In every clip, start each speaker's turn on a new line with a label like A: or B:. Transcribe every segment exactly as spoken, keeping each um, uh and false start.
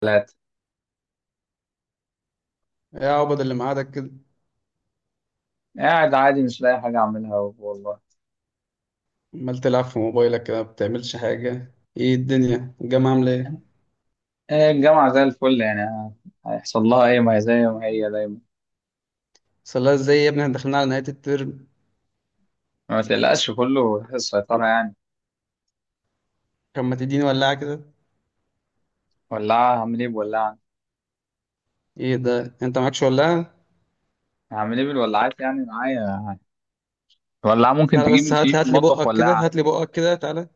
A: ثلاثة.
B: يا عبد، اللي معادك كده؟
A: قاعد عادي مش لاقي حاجة أعملها والله.
B: عمال تلعب في موبايلك كده، ما بتعملش حاجة. ايه الدنيا؟ الجامعة عاملة ايه؟
A: آه، الجامعة زي الفل يعني آه، هيحصل لها إيه؟ ما هي زي ما هي دايما.
B: صلاة ازاي يا ابني؟ احنا داخلين على نهاية الترم.
A: ما تقلقش كله في السيطرة يعني.
B: كان ما تديني ولاعة كده.
A: ولاعة هعمل إيه بولاعة؟
B: ايه ده، انت معكش ولاعة؟
A: هعمل إيه بالولاعات يعني معايا؟ ولاعة ممكن
B: تعالى
A: تجيب
B: بس، هات لي
A: في
B: هات لي
A: المطبخ
B: بقك كده،
A: ولاعة.
B: هات لي بقك كده، تعالى.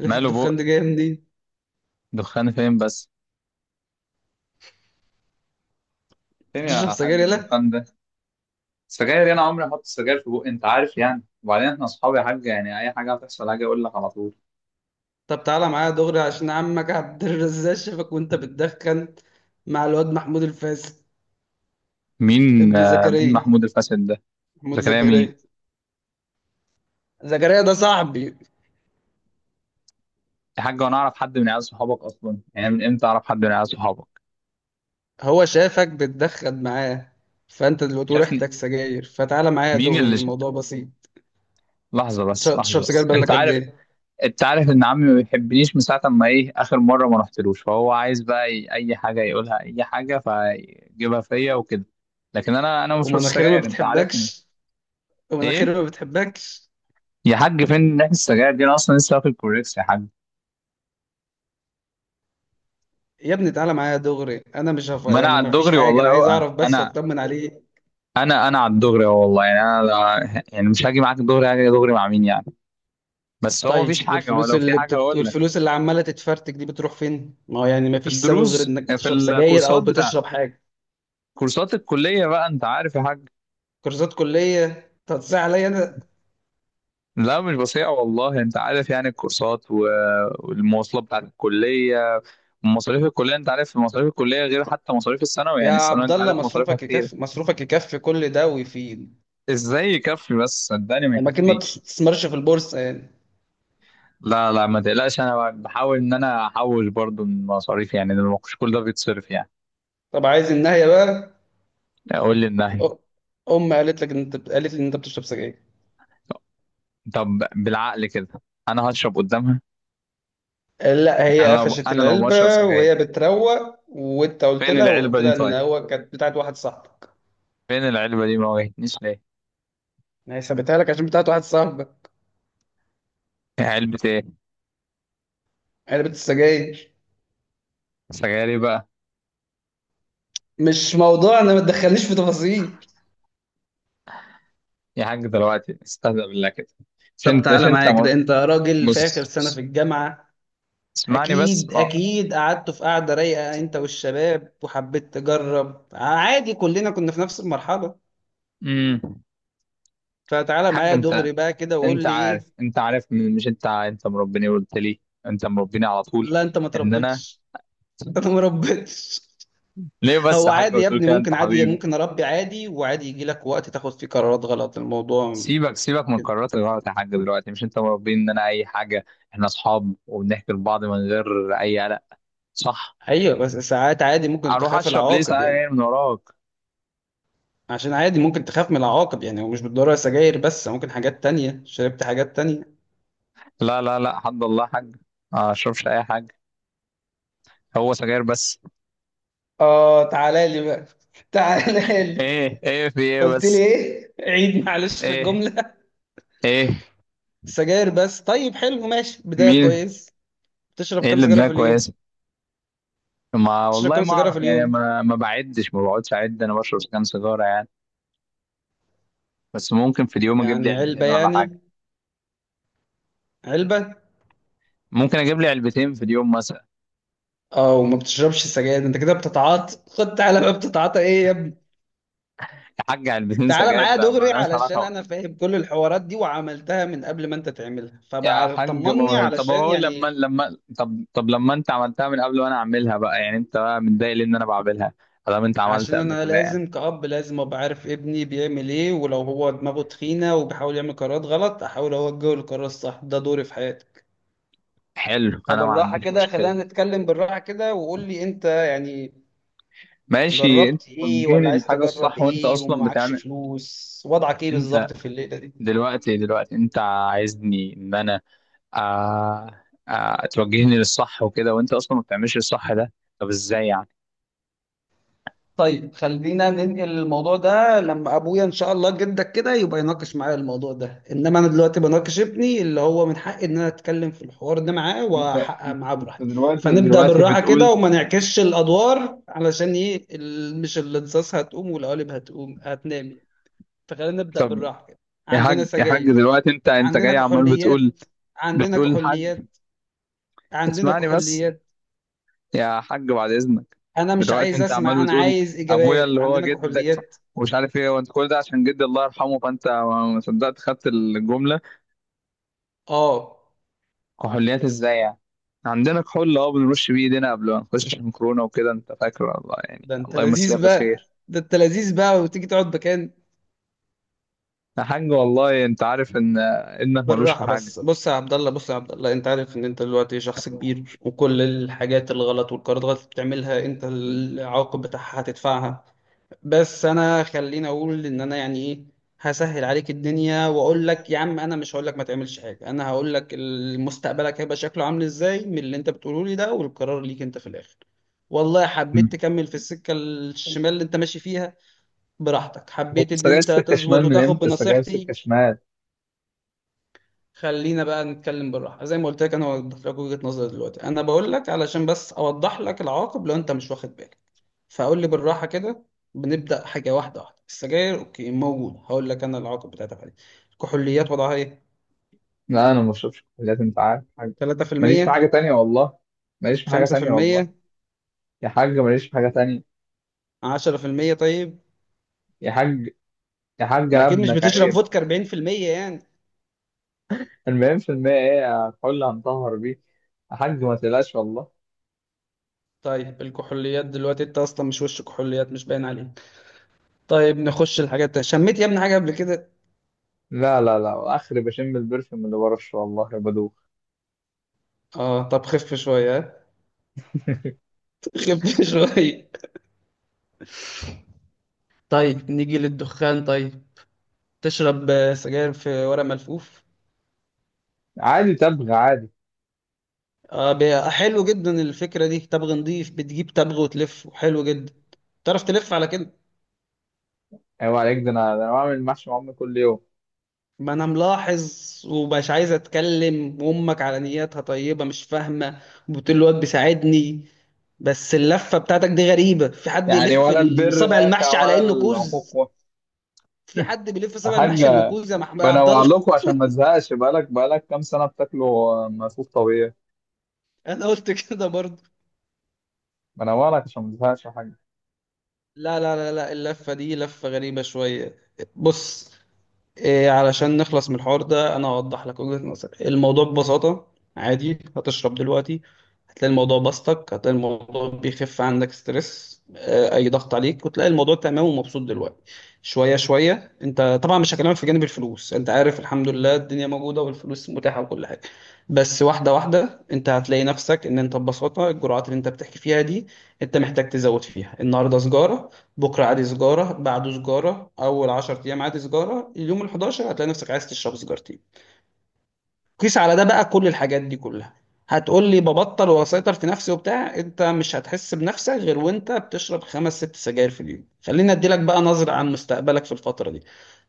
B: ريحة
A: ماله
B: الدخان
A: بقي؟
B: دي جاية منين؟
A: دخان فين بس؟
B: أنت
A: فين
B: بتشرب
A: يا
B: سجاير،
A: حاج
B: يالا.
A: الدخان ده؟ سجاير، أنا عمري ما أحط سجاير في بقي أنت عارف يعني، وبعدين إحنا أصحابي يا حاج، يعني أي حاجة هتحصل هاجي أقول لك على طول.
B: طب تعالى معايا دغري، عشان عمك عبد الرزاق شافك وانت بتدخن مع الواد محمود الفاسد
A: مين
B: ابن
A: آه، مين
B: زكريا،
A: محمود الفاسد ده؟
B: محمود
A: ده كلامي.
B: زكريا. زكريا ده صاحبي.
A: يا حاج وانا اعرف حد من عيال صحابك اصلا يعني؟ من امتى اعرف حد من عيال صحابك؟
B: هو شافك بتدخن معاه، فانت دلوقتي ريحتك
A: شافني؟
B: سجاير، فتعالى معايا يا
A: مين
B: دغري،
A: اللي ش...
B: الموضوع بسيط.
A: لحظه بس،
B: تشرب تشرب
A: لحظه
B: سجاير
A: بس، انت
B: بقالك قد
A: عارف
B: ايه؟
A: انت عارف ان عمي ما بيحبنيش من ساعه ما، ايه اخر مره ما رحتلوش، فهو عايز بقى ي- اي حاجه يقولها اي حاجه فيجيبها فيا وكده. لكن انا انا ما بشربش
B: ومناخيري ما
A: سجاير، انت عارفني.
B: بتحبكش، ومناخيري
A: ايه
B: ما بتحبكش.
A: يا حاج؟ فين ريحه السجاير دي؟ انا اصلا لسه واكل كوريكس يا حاج.
B: يا ابني تعالى معايا يا دغري، انا مش هف...
A: ما انا
B: يعني
A: على
B: ما فيش
A: الدغري
B: حاجه،
A: والله
B: انا عايز
A: اهو،
B: اعرف بس
A: انا
B: واطمن عليه.
A: انا انا على الدغري اهو والله، يعني انا لا- يعني مش هاجي معاك الدغري، هاجي دغري مع مين يعني؟ بس هو مفيش
B: طيب،
A: حاجة، هو
B: والفلوس
A: لو في
B: اللي
A: حاجة
B: بتت...
A: هقول لك.
B: والفلوس اللي عماله تتفرتك دي بتروح فين؟ ما هو يعني ما
A: في
B: فيش سبب غير
A: الدروس
B: انك
A: آه، في
B: بتشرب سجاير او
A: الكورسات بتاع،
B: بتشرب حاجه.
A: كورسات الكلية بقى انت عارف يا حاج.
B: كورسات كليه تتصل عليا انا؟
A: لا مش بصيع والله، انت عارف يعني، الكورسات و- والمواصلات بتاعت الكلية. مصاريف الكلية، انت عارف مصاريف الكلية غير حتى مصاريف الثانوي،
B: يا
A: يعني الثانوي
B: عبد
A: انت
B: الله،
A: عارف مصاريفها
B: مصروفك
A: كتير.
B: يكفي، مصروفك يكفي كل ده ويفيد.
A: ازاي يكفي بس؟ صدقني ما
B: اماكن ما
A: يكفيش.
B: بتستثمرش في البورصه يعني؟
A: لا لا، ما تقلقش، انا بحاول ان انا احوش برضو من مصاريف يعني، لأن مش كل ده بيتصرف يعني.
B: طب عايز النهايه بقى.
A: اقول للنهي.
B: أ- ام قالت لك ان انت، قالت لي ان انت بتشرب سجاير.
A: طب بالعقل كده، انا هشرب قدامها؟
B: لا، هي
A: يعني لو
B: قفشت
A: انا لو بشرب
B: العلبه
A: سجاير.
B: وهي بتروق، وانت قلت
A: فين
B: لها،
A: العلبة
B: وقلت
A: دي
B: لها ان
A: طيب؟
B: هو كانت بتاعت واحد صاحبك.
A: فين العلبة دي؟ ما واجهتنيش ليه؟
B: ما هي سابتها لك عشان بتاعت واحد صاحبك.
A: إيه علبة ايه؟
B: علبه السجاير.
A: سجاري بقى؟
B: مش موضوع، انا ما تدخلنيش في تفاصيل.
A: يا حاج دلوقتي استهزأ بالله كده. مش
B: طب
A: انت، مش
B: تعالى
A: انت
B: معايا
A: مر...
B: كده، انت راجل في اخر
A: بص
B: سنه في
A: بص.
B: الجامعه.
A: اسمعني بس
B: اكيد
A: ما
B: اكيد قعدتوا في قعده رايقه انت والشباب، وحبيت تجرب عادي، كلنا كنا في نفس المرحله.
A: امم
B: فتعالى
A: حاج
B: معايا
A: انت
B: دغري بقى كده وقول
A: انت
B: لي ايه.
A: عارف انت عارف م- مش انت، ع- انت مربيني، قلت لي انت مربيني على طول
B: لا انت ما
A: ان انا.
B: تربيتش. انا ما ربيتش.
A: ليه بس
B: هو
A: يا حاج
B: عادي يا
A: بتقول
B: ابني،
A: كده؟ انت
B: ممكن عادي
A: حبيبي.
B: ممكن اربي عادي، وعادي يجي لك وقت تاخد فيه قرارات غلط، الموضوع
A: سيبك سيبك من
B: كده.
A: قرارات الغلط يا حاج، دلوقتي مش انت مربيني ان انا اي حاجة؟ احنا اصحاب وبنحكي لبعض من غير اي قلق، صح؟
B: ايوه بس ساعات عادي ممكن
A: اروح
B: تخاف
A: اشرب ليه
B: العواقب يعني.
A: ساعة من وراك؟
B: عشان عادي ممكن تخاف من العواقب يعني، ومش بالضرورة سجاير بس، ممكن حاجات تانية، شربت حاجات تانية.
A: لا لا لا، حد الله حاج، ما اشربش اي حاجه، هو سجاير بس.
B: اه تعالى لي بقى. تعالى لي.
A: ايه ايه في ايه
B: قلت لي
A: بس؟
B: ايه؟ عيد معلش
A: ايه
B: الجملة.
A: ايه
B: سجاير بس، طيب حلو، ماشي بداية
A: مين؟
B: كويس. بتشرب
A: ايه
B: كام
A: اللي
B: سجارة
A: بدماغ
B: في اليوم؟
A: كويسه؟ ما
B: بتشرب
A: والله
B: كام
A: ما
B: سيجارة في
A: اعرف يعني،
B: اليوم؟
A: ما ما بعدش ما بقعدش اعد انا بشرب كام سيجاره يعني، بس ممكن في اليوم اجيب لي
B: يعني علبة
A: علبتين ولا حاجه،
B: يعني، علبة.
A: ممكن اجيب لي علبتين في اليوم مثلا.
B: اه، وما بتشربش سجاير انت كده، بتتعاطى. خد تعالى بقى، بتتعاطى ايه يا ابني؟
A: يا حاج علبتين
B: تعالى
A: سجاير
B: معايا
A: ده ما
B: دغري،
A: لهاش
B: علشان
A: علاقه.
B: انا فاهم كل الحوارات دي وعملتها من قبل ما انت تعملها،
A: يا
B: فبعرف،
A: حاج
B: طمني
A: ما- طب
B: علشان
A: هو لما
B: يعني.
A: لما طب طب لما انت عملتها من قبل وانا اعملها بقى، يعني انت بقى متضايق ليه ان انا بعملها؟ طالما انت عملت
B: عشان
A: قبل
B: انا
A: كده يعني.
B: لازم كأب لازم ابقى عارف ابني بيعمل ايه، ولو هو دماغه تخينة وبيحاول يعمل قرارات غلط، احاول اوجهه للقرار الصح، ده دوري في حياتك.
A: حلو، انا ما
B: فبالراحة
A: عنديش
B: كده
A: مشكله.
B: خلينا نتكلم بالراحة كده، وقول لي انت يعني
A: ماشي، انت
B: جربت ايه، ولا
A: توجهني
B: عايز
A: للحاجه
B: تجرب
A: الصح وانت
B: ايه،
A: اصلا
B: ومعكش
A: بتعمل.
B: فلوس، وضعك ايه
A: انت
B: بالظبط في الليله دي.
A: دلوقتي دلوقتي انت عايزني ان انا، آه آه، توجهني للصح وكده وانت اصلا ما بتعملش الصح ده؟ طب ازاي يعني؟
B: طيب، خلينا ننقل الموضوع ده لما ابويا ان شاء الله جدك كده يبقى يناقش معايا الموضوع ده، انما انا دلوقتي بناقش ابني اللي هو من حقي ان انا اتكلم في الحوار ده معاه،
A: انت
B: واحقق
A: انت
B: معاه براحتي.
A: دلوقتي
B: فنبدا
A: دلوقتي
B: بالراحه كده،
A: بتقول.
B: وما نعكسش الادوار، علشان ايه ال- مش الانصاص هتقوم والقوالب هتقوم هتنام يعني. فخلينا نبدا
A: طب
B: بالراحه كده.
A: يا
B: عندنا
A: حاج، يا حاج
B: سجاير،
A: دلوقتي انت انت
B: عندنا
A: جاي عمال
B: كحوليات،
A: بتقول،
B: عندنا
A: بتقول الحاج.
B: كحوليات، عندنا
A: اسمعني بس،
B: كحوليات.
A: يا حاج بعد اذنك،
B: انا مش
A: دلوقتي
B: عايز
A: انت عمال
B: اسمع، انا
A: بتقول
B: عايز
A: ابويا
B: اجابات.
A: اللي هو
B: عندنا
A: جدك
B: كحوليات.
A: ومش عارف ايه، وانت كل ده عشان جدي الله يرحمه، فانت ما ما صدقت خدت الجمله.
B: اه،
A: كحوليات ازاي يعني؟ عندنا كحول، اه، بنرش بيه ايدينا قبل ما نخش عشان كورونا وكده انت فاكر، الله يعني،
B: ده انت
A: الله يمسيها
B: لذيذ بقى،
A: بالخير.
B: ده انت لذيذ بقى، وتيجي تقعد مكان.
A: يا حاج والله انت عارف ان ابنك ملوش في
B: بالراحه
A: حاجه.
B: بس، بص يا عبد الله، بص يا عبد الله، انت عارف ان انت دلوقتي شخص كبير، وكل الحاجات الغلط والقرارات الغلط اللي بتعملها، انت العواقب بتاعها هتدفعها. بس انا خليني اقول ان انا يعني ايه، هسهل عليك الدنيا واقول لك يا عم، انا مش هقول لك ما تعملش حاجه، انا هقول لك ال- مستقبلك هيبقى شكله عامل ازاي من اللي انت بتقوله لي ده، والقرار ليك انت في الاخر. والله حبيت تكمل في السكه الشمال اللي انت ماشي فيها، براحتك. حبيت ان
A: سجاير
B: انت
A: سكه شمال؟
B: تظبط
A: من
B: وتاخد
A: امتى سجاير
B: بنصيحتي.
A: سكه شمال؟
B: خلينا بقى نتكلم بالراحه زي ما قلت لك، انا وضحت لك وجهه نظري دلوقتي، انا بقول لك علشان بس اوضح لك العواقب لو انت مش واخد بالك. فقول لي بالراحه كده، بنبدا حاجه واحده واحده. السجاير اوكي، موجود، هقول لك انا العواقب بتاعتها فعلا. الكحوليات وضعها ايه؟
A: لا انا ما بشربش كحوليات، انت عارف حاجه. ماليش في
B: تلاتة في المية؟
A: حاجه تانية والله. ماليش في حاجه تانية والله.
B: خمسة في المية؟
A: يا حاج ماليش في حاجه تانية.
B: عشرة في المية؟ طيب،
A: يا حاج، يا حاج،
B: ما
A: انا
B: اكيد مش
A: ابنك،
B: بتشرب
A: عيب.
B: فودكا اربعين في المية يعني.
A: المهم في المية ايه الكحول اللي هنطهر بيه. يا حاج ما تقلقش والله.
B: طيب الكحوليات دلوقتي انت اصلا مش وش كحوليات، مش باين عليك. طيب نخش الحاجات التانية. شميت يا ابني حاجه قبل كده؟
A: لا لا لا، اخري بشم البرفيوم اللي برشه والله يا بدوخ.
B: اه، طب خف شويه ها؟ خف شويه. طيب نيجي للدخان طيب. تشرب آه، سجاير في ورق ملفوف؟
A: عادي، تبغى عادي.
B: آه، بي- حلو جدا الفكرة دي، تبغ نضيف، بتجيب تبغ وتلف، وحلو جدا. تعرف تلف على كده؟
A: ايوه عليك، ده انا، ده انا بعمل محشي مع امي كل يوم.
B: ما انا ملاحظ، ومش عايز اتكلم، وامك على نياتها طيبة مش فاهمة وبتقول الواد بيساعدني. بس اللفة بتاعتك دي غريبة، في حد
A: يعني
B: يلف
A: ولا البر
B: صابع
A: نافع
B: المحشي على
A: ولا
B: انه
A: العقوق.
B: كوز؟ في حد بيلف
A: يا
B: صابع
A: حاج
B: المحشي انه كوز يا محمد يا عبد
A: بنوع
B: الله؟
A: لكم عشان ما تزهقش، بقالك بقالك كام سنه بتاكلوا ملفوف طبيعي.
B: انا قلت كده برضه.
A: بنورك عشان ما تزهقش يا حاج.
B: لا لا لا لا، اللفة دي لفة غريبة شوية. بص، إيه، علشان نخلص من الحوار ده أنا هوضح لك وجهة نظري، الموضوع ببساطة، عادي هتشرب دلوقتي، هتلاقي الموضوع بسطك، هتلاقي الموضوع بيخف عندك ستريس، آه، أي ضغط عليك، وتلاقي الموضوع تمام ومبسوط دلوقتي. شوية شوية أنت طبعا مش هكلمك في جانب الفلوس، أنت عارف الحمد لله الدنيا موجودة والفلوس متاحة وكل حاجة. بس واحدة واحدة أنت هتلاقي نفسك إن أنت ببساطة الجرعات اللي أنت بتحكي فيها دي أنت محتاج تزود فيها. النهاردة سجارة، بكرة عادي سجارة، بعده سجارة، أول عشرة أيام عادي سجارة، اليوم ال حداشر هتلاقي نفسك عايز تشرب سجارتين. قيس على ده بقى كل الحاجات دي كلها. هتقول لي ببطل وأسيطر في نفسي وبتاع، أنت مش هتحس بنفسك غير وأنت بتشرب خمس ست سجاير في اليوم. خليني أديلك بقى نظرة عن مستقبلك في الفترة دي.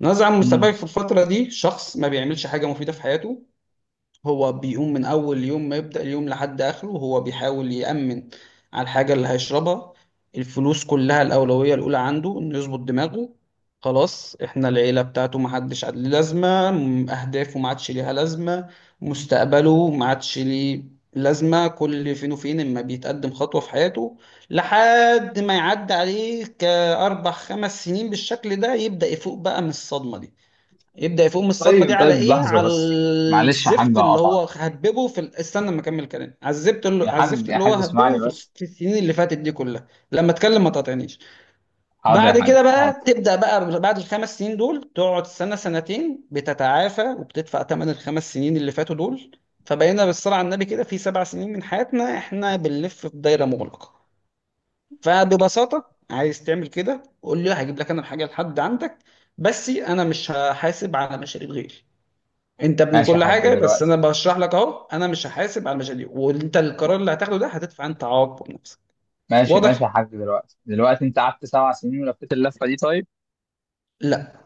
B: نظرة عن
A: مم.
B: مستقبلك في الفترة دي، شخص ما بيعملش حاجة مفيدة في حياته، هو بيقوم من أول يوم ما يبدأ اليوم لحد آخره هو بيحاول يأمن على الحاجة اللي هيشربها. الفلوس كلها الأولوية الأولى عنده إنه يظبط دماغه. خلاص إحنا العيلة بتاعته محدش ليه لازمة، م- أهدافه ما عادش ليها لازمة، مستقبله ما عادش ليه لازمة، كل فين وفين إما بيتقدم خطوة في حياته، لحد ما يعدي عليه كأربع خمس سنين بالشكل ده، يبدأ يفوق بقى من الصدمة دي. يبدأ يفوق من الصدمة دي
A: طيب
B: على
A: طيب،
B: ايه؟
A: لحظة
B: على
A: بس، معلش يا حاج
B: الزفت اللي هو
A: أقطعك.
B: هتببه في ال... استنى ما اكمل كلام، على الزفت اللي،
A: يا
B: على
A: حاج،
B: الزفت
A: يا
B: اللي هو
A: حاج
B: هتببه
A: اسمعني
B: في، الخ-
A: بس.
B: في السنين اللي فاتت دي كلها، لما اتكلم ما تقاطعنيش.
A: حاضر يا
B: بعد
A: حاج
B: كده
A: حاضر.
B: بقى تبدأ بقى، بعد الخمس سنين دول تقعد سنة سنتين بتتعافى وبتدفع ثمن الخمس سنين اللي فاتوا دول. فبقينا بالصلاة على النبي كده في سبع سنين من حياتنا احنا بنلف في دايرة مغلقة. فببساطة عايز تعمل كده، قول لي، هجيب لك انا الحاجة لحد عندك، بس انا مش هحاسب على مشاريب غيري. انت ابني
A: ماشي يا
B: كل
A: حاج
B: حاجه، بس انا
A: دلوقتي،
B: بشرح لك اهو، انا مش هحاسب على المشاريع، وانت القرار اللي هتاخده ده هتدفع انت عواقبه بنفسك.
A: ماشي ماشي
B: واضح؟
A: يا حاج دلوقتي دلوقتي أنت قعدت سبع سنين ولفيت اللفة دي طيب.
B: لا،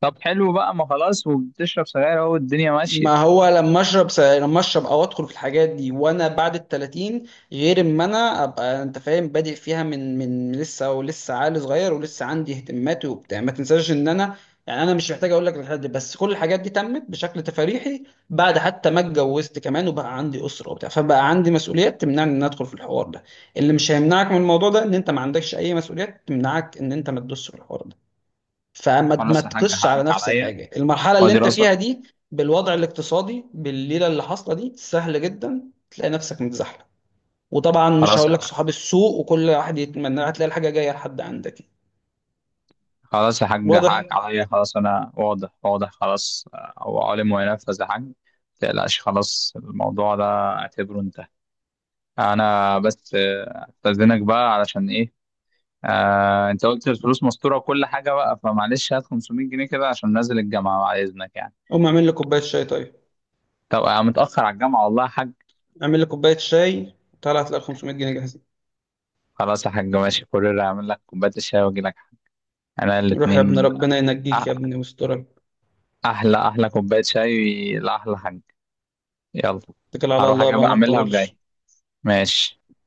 A: طب حلو بقى، ما خلاص وبتشرب سجاير أهو الدنيا
B: ما
A: ماشية.
B: هو لما اشرب س... لما اشرب او ادخل في الحاجات دي وانا بعد ال تلاتين، غير اما انا ابقى انت فاهم بادئ فيها من من لسه، ولسه عقل صغير ولسه عندي اهتماماتي وبتاع. ما تنساش ان انا يعني انا مش محتاج اقول لك الحاجات دي، بس كل الحاجات دي تمت بشكل تفريحي بعد حتى ما اتجوزت كمان وبقى عندي اسره وبتاع، فبقى عندي مسؤوليات تمنعني ان أنا ادخل في الحوار ده. اللي مش هيمنعك من الموضوع ده ان انت ما عندكش اي مسؤوليات تمنعك ان انت ما تدوسش في الحوار ده. فما ما
A: خلاص يا حاج،
B: تقصش على
A: حقك
B: نفس
A: عليا،
B: الحاجه، المرحله اللي
A: وأدي
B: انت
A: راسك.
B: فيها دي بالوضع الاقتصادي بالليله اللي حاصله دي، سهل جدا تلاقي نفسك متزحلق، وطبعا مش
A: خلاص
B: هقول لك صحاب السوق وكل واحد يتمنى هتلاقي الحاجه جايه لحد عندك يعني.
A: خلاص يا حاج،
B: واضح؟
A: حقك عليا، خلاص أنا واضح واضح خلاص. هو عالم وينفذ يا حاج، متقلقش، خلاص الموضوع ده اعتبره انتهى. انا بس آه، استاذنك بقى علشان ايه. آه، انت قلت الفلوس مستوره وكل حاجه بقى، فمعلش هات خمسمية جنيه كده عشان نازل الجامعه بعد اذنك يعني.
B: قوم اعمل لي كوبايه شاي طيب،
A: طب انا متاخر على الجامعه والله يا حاج.
B: اعمل لي كوبايه شاي، طلعت هتلاقي خمسميت جنيه جاهزين.
A: خلاص يا حاج ماشي، كورير هعمل لك كوبايه الشاي واجي لك. انا
B: روح يا ابن،
A: الاثنين.
B: ربنا ينجيك يا ابني ويسترك،
A: احلى احلى كوبايه شاي لاحلى حاج. يلا.
B: اتكل على
A: هروح
B: الله
A: اجي
B: بقى،
A: بقى
B: ما
A: اعملها
B: تطولش.
A: وجاي. ماشي.